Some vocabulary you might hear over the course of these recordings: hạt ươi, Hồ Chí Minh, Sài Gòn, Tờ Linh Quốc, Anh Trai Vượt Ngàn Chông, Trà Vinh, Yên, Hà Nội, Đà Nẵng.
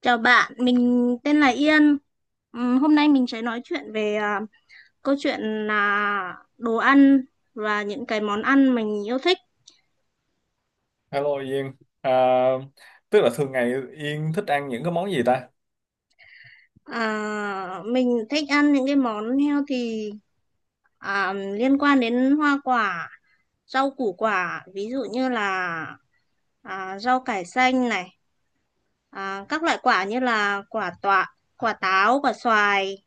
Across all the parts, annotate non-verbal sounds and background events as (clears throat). Chào bạn, mình tên là Yên. Hôm nay mình sẽ nói chuyện về câu chuyện là đồ ăn và những cái món ăn mình yêu thích. Hello Yên, à, tức là thường ngày Yên thích ăn những cái món gì ta? À, mình thích ăn những cái món healthy, liên quan đến hoa quả, rau củ quả, ví dụ như là rau cải xanh này, các loại quả như là quả tọa, quả táo, quả xoài,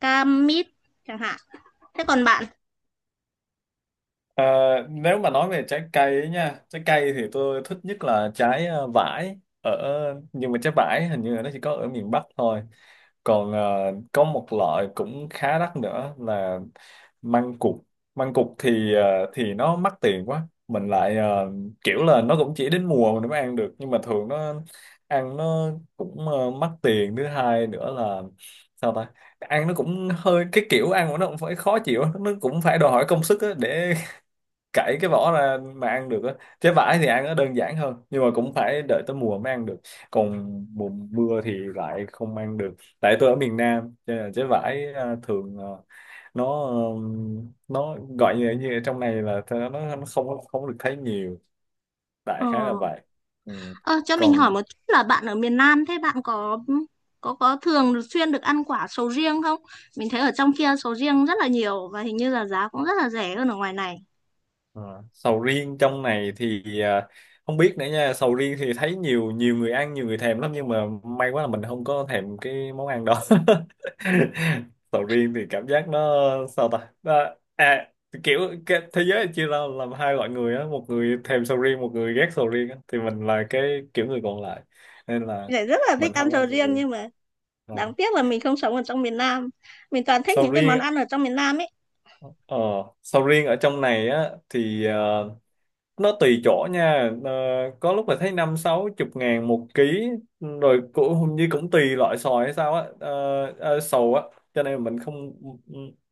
cam, mít chẳng hạn. Thế còn bạn? À, Nếu mà nói về trái cây ấy nha, trái cây thì tôi thích nhất là trái vải ở, nhưng mà trái vải hình như là nó chỉ có ở miền Bắc thôi. Còn có một loại cũng khá đắt nữa là măng cụt. Măng cụt thì thì nó mắc tiền quá, mình lại kiểu là nó cũng chỉ đến mùa mình mới ăn được, nhưng mà thường nó ăn nó cũng mắc tiền. Thứ hai nữa là sao ta ăn nó cũng hơi, cái kiểu ăn của nó cũng phải khó chịu, nó cũng phải đòi hỏi công sức á để cải cái vỏ ra mà ăn được á. Trái vải thì ăn nó đơn giản hơn, nhưng mà cũng phải đợi tới mùa mới ăn được, còn mùa mưa thì lại không ăn được. Tại tôi ở miền Nam cho nên là trái vải thường nó gọi như, như ở trong này là nó không không được thấy nhiều. Ờ. Đại khái là vậy. Ừ. Ờ, cho mình hỏi Còn... một chút là bạn ở miền Nam, thế bạn có thường xuyên được ăn quả sầu riêng không? Mình thấy ở trong kia sầu riêng rất là nhiều và hình như là giá cũng rất là rẻ hơn ở ngoài này. Ờ, sầu riêng trong này thì không biết nữa nha, sầu riêng thì thấy nhiều nhiều người ăn, nhiều người thèm lắm, nhưng mà may quá là mình không có thèm cái món ăn đó. (laughs) Sầu riêng thì cảm giác nó sao ta Nó- à kiểu, cái thế giới chia ra làm hai loại người á, một người thèm sầu riêng, một người ghét sầu riêng á. Thì mình là cái kiểu người còn lại, nên là Mình lại rất là thích mình ăn không sầu ăn sầu riêng riêng. nhưng mà Ờ. đáng tiếc là mình không sống ở trong miền Nam. Mình toàn thích Sầu những cái riêng món á, ăn ở trong miền Nam ấy. ờ, sầu riêng ở trong này á thì nó tùy chỗ nha. Ờ, có lúc là thấy năm sáu chục ngàn một ký, rồi cũng hình như cũng tùy loại sòi hay sao á. Ờ, ờ, sầu á Cho nên mình không,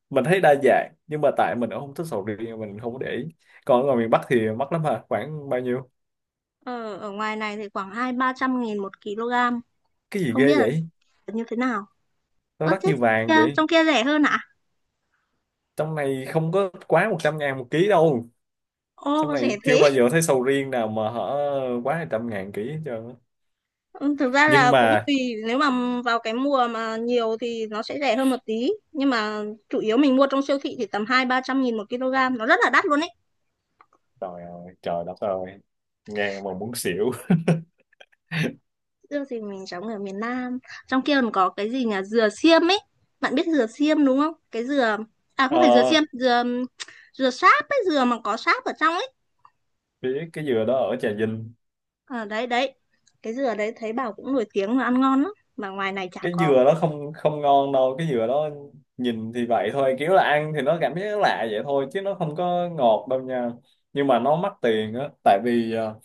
mình thấy đa dạng, nhưng mà tại mình cũng không thích sầu riêng, mình không có để ý. Còn ở ngoài miền Bắc thì mắc lắm hả, khoảng bao nhiêu? Ờ, ở ngoài này thì khoảng hai ba trăm nghìn một kg. Cái gì Không ghê biết là vậy? như thế nào. Nó Ơ đắt thế như vàng vậy. trong kia rẻ hơn ạ? Trong này không có quá 100.000 một ký đâu. Ô Trong rẻ này chưa thế. bao giờ thấy sầu riêng nào mà hở quá 200.000 ký hết trơn á. Ừ, thực ra Nhưng là cũng mà tùy, nếu mà vào cái mùa mà nhiều thì nó sẽ rẻ hơn một tí nhưng mà chủ yếu mình mua trong siêu thị thì tầm hai ba trăm nghìn một kg, nó rất là đắt luôn ấy. trời ơi, trời đất ơi, nghe mà muốn xỉu. Dưa thì mình sống ở miền Nam, trong kia còn có cái gì nhỉ, dừa xiêm ấy, bạn biết dừa xiêm đúng không, cái dừa, à không Ờ, phải dừa xiêm, dừa dừa sáp ấy, dừa mà có sáp ở trong ấy. biết cái dừa đó ở Trà Vinh. Đấy đấy, cái dừa đấy thấy bảo cũng nổi tiếng là ăn ngon lắm mà ngoài này chả Cái có. dừa đó không không ngon đâu, cái dừa đó nhìn thì vậy thôi, kiểu là ăn thì nó cảm giác lạ vậy thôi, chứ nó không có ngọt đâu nha. Nhưng mà nó mắc tiền á, tại vì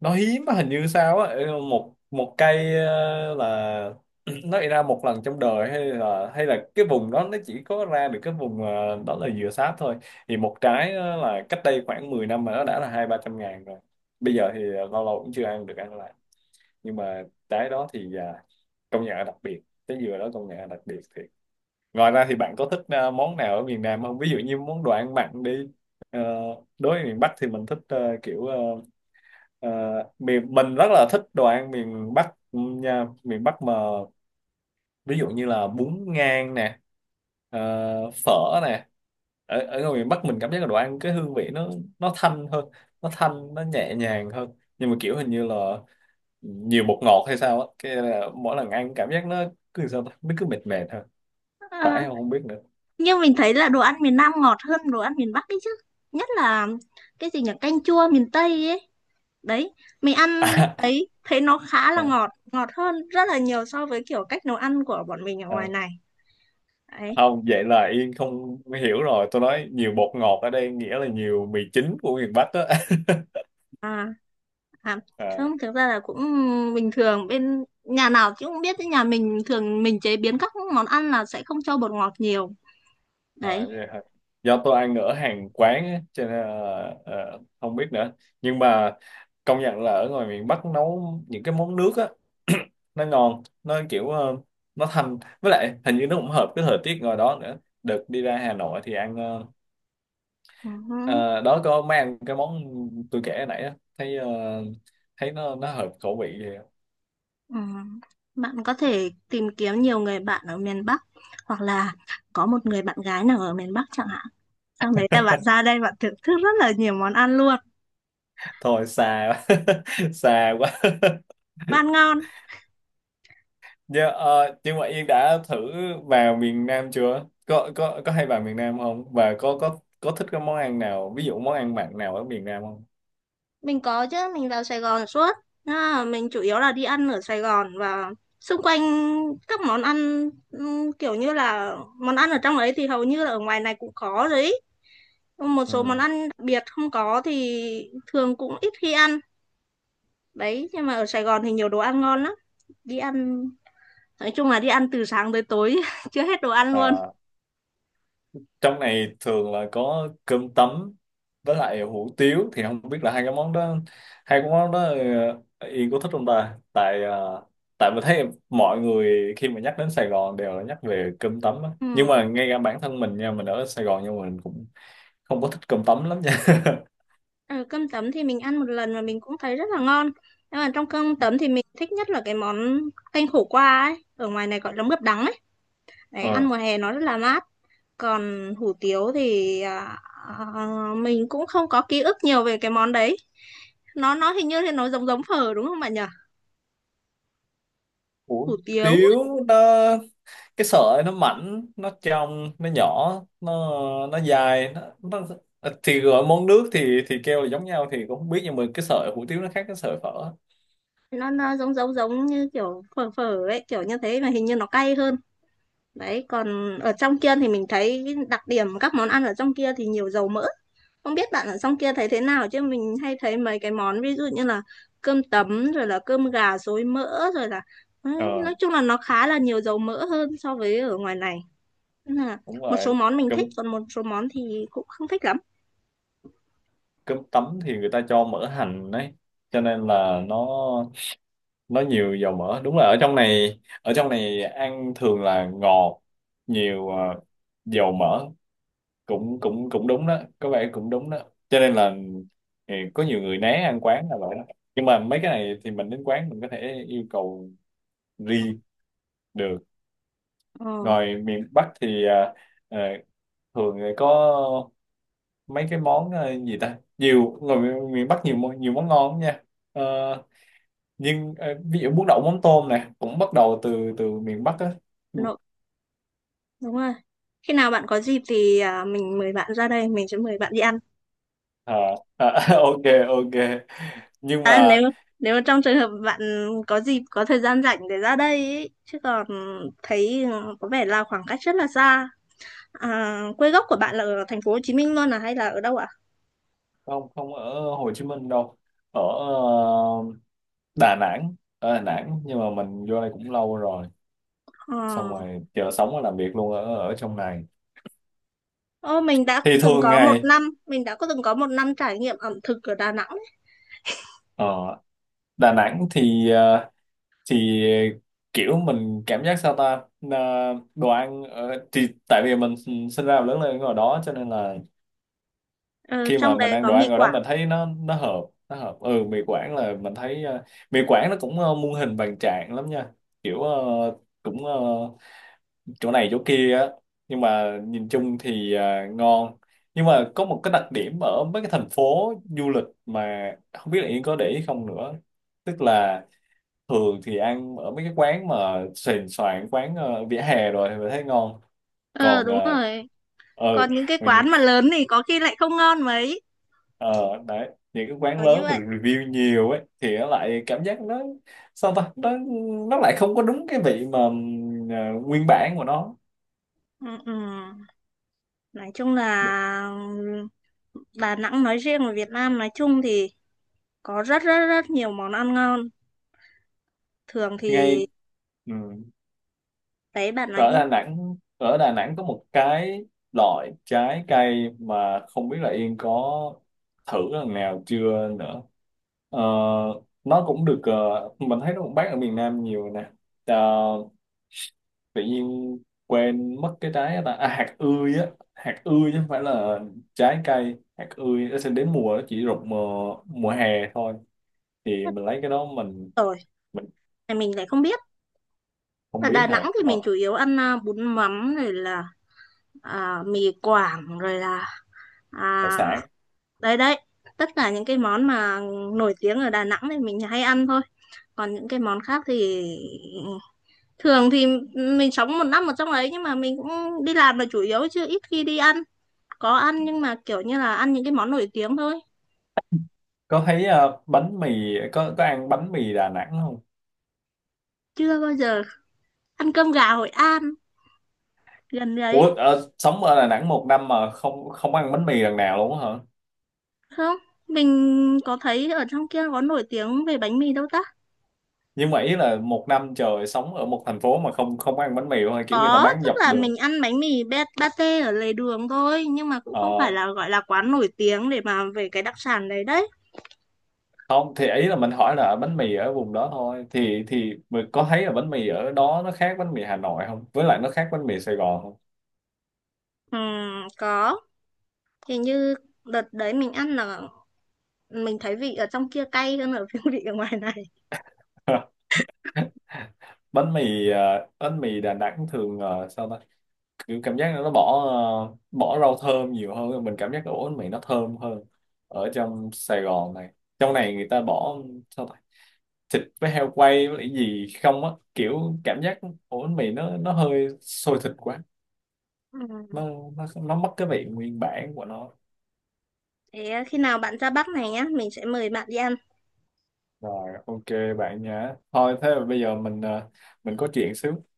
nó hiếm á, hình như sao á. Ừ, một một cây là (clears throat) nó ra một lần trong đời, hay là cái vùng đó nó chỉ có ra được cái vùng đó là dừa sáp thôi. Thì một trái á là cách đây khoảng 10 năm mà nó đã là 200-300 nghìn rồi. Bây giờ thì lâu lâu cũng chưa ăn được ăn lại. Nhưng mà trái đó thì công nhận là đặc biệt. Trái dừa đó công nhận là đặc biệt thiệt. Ngoài ra thì bạn có thích món nào ở miền Nam không, ví dụ như món đồ ăn mặn đi? Ờ, Đối với miền Bắc thì mình thích ờ, miền mình rất là thích đồ ăn miền Bắc nha, miền Bắc mà. Ví dụ như là bún ngan nè, ờ, phở nè. Ở, ở ngoài miền Bắc mình cảm giác là đồ ăn cái hương vị nó thanh hơn, nó thanh nó nhẹ nhàng hơn. Nhưng mà kiểu hình như là nhiều bột ngọt hay sao á, cái là mỗi lần ăn cảm giác nó cứ sao ta nó cứ mệt mệt thôi, phải À, không, không biết nữa. nhưng mình thấy là đồ ăn miền Nam ngọt hơn đồ ăn miền Bắc ấy chứ, nhất là cái gì nhỉ, canh chua miền Tây ấy. Đấy, mình ăn (laughs) ấy thấy nó khá à, là à, ngọt, ngọt hơn rất là nhiều so với kiểu cách nấu ăn của bọn mình ở ngoài à. này. Đấy. Không, vậy là Yên không hiểu rồi, tôi nói nhiều bột ngọt ở đây nghĩa là nhiều mì chính của miền Bắc á. (laughs) à, à à. không, thực ra là cũng bình thường, bên nhà nào chứ cũng biết chứ, nhà mình thường mình chế biến các món ăn là sẽ không cho bột ngọt nhiều. À, Đấy. vậy hả? Do tôi ăn ở hàng quán á, cho nên là, không biết nữa. Nhưng mà công nhận là ở ngoài miền Bắc nấu những cái món nước á, nó ngon, nó kiểu nó thanh, với lại hình như nó cũng hợp cái thời tiết ngoài đó nữa. Đợt đi ra Hà Nội thì ăn Ừ. ờ, đó có mấy ăn cái món tôi kể hồi nãy á, thấy thấy nó hợp khẩu vị vậy. Ừ. Bạn có thể tìm kiếm nhiều người bạn ở miền Bắc hoặc là có một người bạn gái nào ở miền Bắc chẳng hạn. Xong đấy là bạn ra đây bạn thưởng thức rất là nhiều món ăn luôn. Thôi xa (laughs) quá, xa quá. Và ăn ngon. Dạ, nhưng mà Yên đã thử vào miền Nam chưa? Có hay vào miền Nam không? Và có thích cái món ăn nào, ví dụ món ăn mặn nào ở miền Nam không? Mình có chứ, mình vào Sài Gòn suốt. À, mình chủ yếu là đi ăn ở Sài Gòn và xung quanh, các món ăn, kiểu như là món ăn ở trong đấy thì hầu như là ở ngoài này cũng có rồi ý. Một số món Ừ. ăn đặc biệt không có thì thường cũng ít khi ăn. Đấy, nhưng mà ở Sài Gòn thì nhiều đồ ăn ngon lắm. Đi ăn, nói chung là đi ăn từ sáng tới tối, (laughs) chưa hết đồ ăn luôn. À, trong này thường là có cơm tấm với lại hủ tiếu, thì không biết là hai cái món đó Yên có thích không ta? Tại tại mình thấy mọi người khi mà nhắc đến Sài Gòn đều là nhắc về cơm tấm á. Nhưng mà Ừm. ngay cả bản thân mình nha, mình ở Sài Gòn nhưng mà mình cũng không có thích cơm tấm lắm nha. Ờ, cơm tấm thì mình ăn một lần và mình cũng thấy rất là ngon. Nhưng mà trong cơm tấm (laughs) thì mình thích nhất là cái món canh khổ qua ấy. Ở ngoài này gọi là mướp đắng ấy. Đấy, ăn Ờ. mùa hè nó rất là mát. Còn hủ tiếu thì à, mình cũng không có ký ức nhiều về cái món đấy. Nó hình như thì nó giống giống phở đúng không bạn nhỉ? Ủa, Hủ tiếu tiếu nó, cái sợi nó mảnh, nó trong, nó nhỏ, nó nó dài nó thì gọi món nước thì kêu là giống nhau thì cũng không biết, nhưng mà cái sợi hủ tiếu nó khác cái sợi phở. Nó giống giống giống như kiểu phở phở ấy, kiểu như thế mà hình như nó cay hơn. Đấy, còn ở trong kia thì mình thấy cái đặc điểm các món ăn ở trong kia thì nhiều dầu mỡ. Không biết bạn ở trong kia thấy thế nào chứ mình hay thấy mấy cái món ví dụ như là cơm tấm rồi là cơm gà xối mỡ rồi là ừ, Ờ nói chung là nó khá là nhiều dầu mỡ hơn so với ở ngoài này. Nên là đúng một số rồi. món mình thích cơm còn một số món thì cũng không thích lắm. cơm tấm thì người ta cho mỡ hành đấy, cho nên là nó nhiều dầu mỡ. Đúng là ở trong này, ở trong này ăn thường là ngọt nhiều dầu mỡ. Cũng cũng cũng đúng đó, có vẻ cũng đúng đó. Cho nên là ừ, có nhiều người né ăn quán là vậy đó. Nhưng mà mấy cái này thì mình đến quán mình có thể yêu cầu riêng được. Ờ, Ngoài miền Bắc thì à, thường thì có mấy cái món gì ta, nhiều ngoài miền miền Bắc nhiều món ngon lắm nha. Ờ, nhưng ví dụ bún đậu mắm tôm này cũng bắt đầu từ từ miền Bắc á. nội đúng rồi. Khi nào bạn có dịp thì mình mời bạn ra đây, mình sẽ mời bạn đi ăn. Ờ, ờ, (laughs) ok ok, nhưng À, mà nếu nếu trong trường hợp bạn có dịp có thời gian rảnh để ra đây ý, chứ còn thấy ừ, có vẻ là khoảng cách rất là xa. À, quê gốc của bạn là ở thành phố Hồ Chí Minh luôn à hay là ở đâu ạ? không, không ở Hồ Chí Minh đâu, ở Đà Nẵng, ở Đà Nẵng, nhưng mà mình vô đây cũng lâu rồi, xong Ờ. rồi giờ sống và làm việc luôn ở ở trong này. Ô, Thì thường ngày mình đã có từng có một năm trải nghiệm ẩm thực ở Đà Nẵng ấy. ở Đà Nẵng thì thì kiểu mình cảm giác Ờ, đồ ăn ở, thì tại vì mình sinh ra và lớn lên ở đó cho nên là Ờ, khi mà trong mình đấy ăn có đồ mì ăn ở đó Quảng. mình thấy nó hợp, nó hợp. Ừ, mì Quảng là mình thấy mì Quảng nó cũng muôn hình vạn trạng lắm nha, kiểu cũng ờ, chỗ này chỗ kia á, nhưng mà nhìn chung thì ngon. Nhưng mà có một cái đặc điểm ở mấy cái thành phố du lịch mà không biết là Yên có để ý không nữa, tức là thường thì ăn ở mấy cái quán mà sền soạn, quán vỉa hè rồi thì mình thấy ngon. Ờ Còn đúng rồi. ờ Còn những cái mà quán những mà lớn thì có khi lại không ngon mấy. ờ đấy, những cái quán Kiểu như lớn mà vậy. được review nhiều ấy thì nó lại cảm giác nó sao ta nó lại không có đúng cái vị mà nguyên bản của nó. Ừ, ừ. Nói chung là ừ, Đà Nẵng nói riêng và Việt Nam nói chung thì có rất rất rất nhiều món ăn ngon, thường thì Ngay ừ. đấy bạn nói Ở đi. Đà Nẵng, ở Đà Nẵng có một cái loại trái cây mà không biết là Yên có thử lần nào chưa nữa. Ờ, nó cũng được, mình thấy nó cũng bán ở miền Nam nhiều nè. Ờ, Tự nhiên quên mất cái trái đó ta. Hạt ươi á, hạt ươi, chứ không phải là trái cây. Hạt ươi nó sẽ đến mùa, nó chỉ rụng mùa mùa hè thôi, thì mình lấy cái đó Rồi mình thì mình lại không biết, không ở biết Đà Nẵng rồi. thì mình Ờ, chủ yếu ăn bún mắm rồi là mì Quảng rồi là Hải à, sản. đấy đấy, tất cả những cái món mà nổi tiếng ở Đà Nẵng thì mình hay ăn thôi, còn những cái món khác thì thường thì mình sống một năm ở trong ấy nhưng mà mình cũng đi làm là chủ yếu chứ ít khi đi ăn, có ăn nhưng mà kiểu như là ăn những cái món nổi tiếng thôi, Có thấy bánh mì, có ăn bánh mì Đà Nẵng không? chưa bao giờ ăn cơm gà Hội An gần đấy. Ủa sống ở Đà Nẵng một năm mà không không ăn bánh mì lần nào luôn á hả? Không, mình có thấy ở trong kia có nổi tiếng về bánh mì đâu ta. Nhưng mà ý là một năm trời sống ở một thành phố mà không không ăn bánh mì luôn, hay kiểu người ta Có, bán tức dọc là đường? mình ăn bánh mì pate ở lề đường thôi nhưng mà cũng không phải ờ, là gọi là quán nổi tiếng để mà về cái đặc sản đấy đấy. Không, thì ý là mình hỏi là bánh mì ở vùng đó thôi, thì mình có thấy là bánh mì ở đó nó khác bánh mì Hà Nội không, với lại nó khác bánh mì Sài Gòn không? Có, thì như đợt đấy mình ăn là mình thấy vị ở trong kia cay hơn ở (laughs) vị ở ngoài này. (laughs) Bánh mì bánh mì Đà Nẵng thường ờ, sao ta kiểu cảm giác nó bỏ bỏ rau thơm nhiều hơn, mình cảm giác ổ bánh mì nó thơm hơn. Ở trong Sài Gòn này, trong này người ta bỏ sao ta thịt với heo quay với lại gì không á, kiểu cảm giác ổ bánh mì nó hơi sôi thịt quá, Ừm. nó nó mất cái vị nguyên bản của nó. Thế ờ, khi nào bạn ra Bắc này nhá mình sẽ mời bạn đi ăn Rồi ok bạn nhá, thôi thế là bây giờ mình mình có chuyện xíu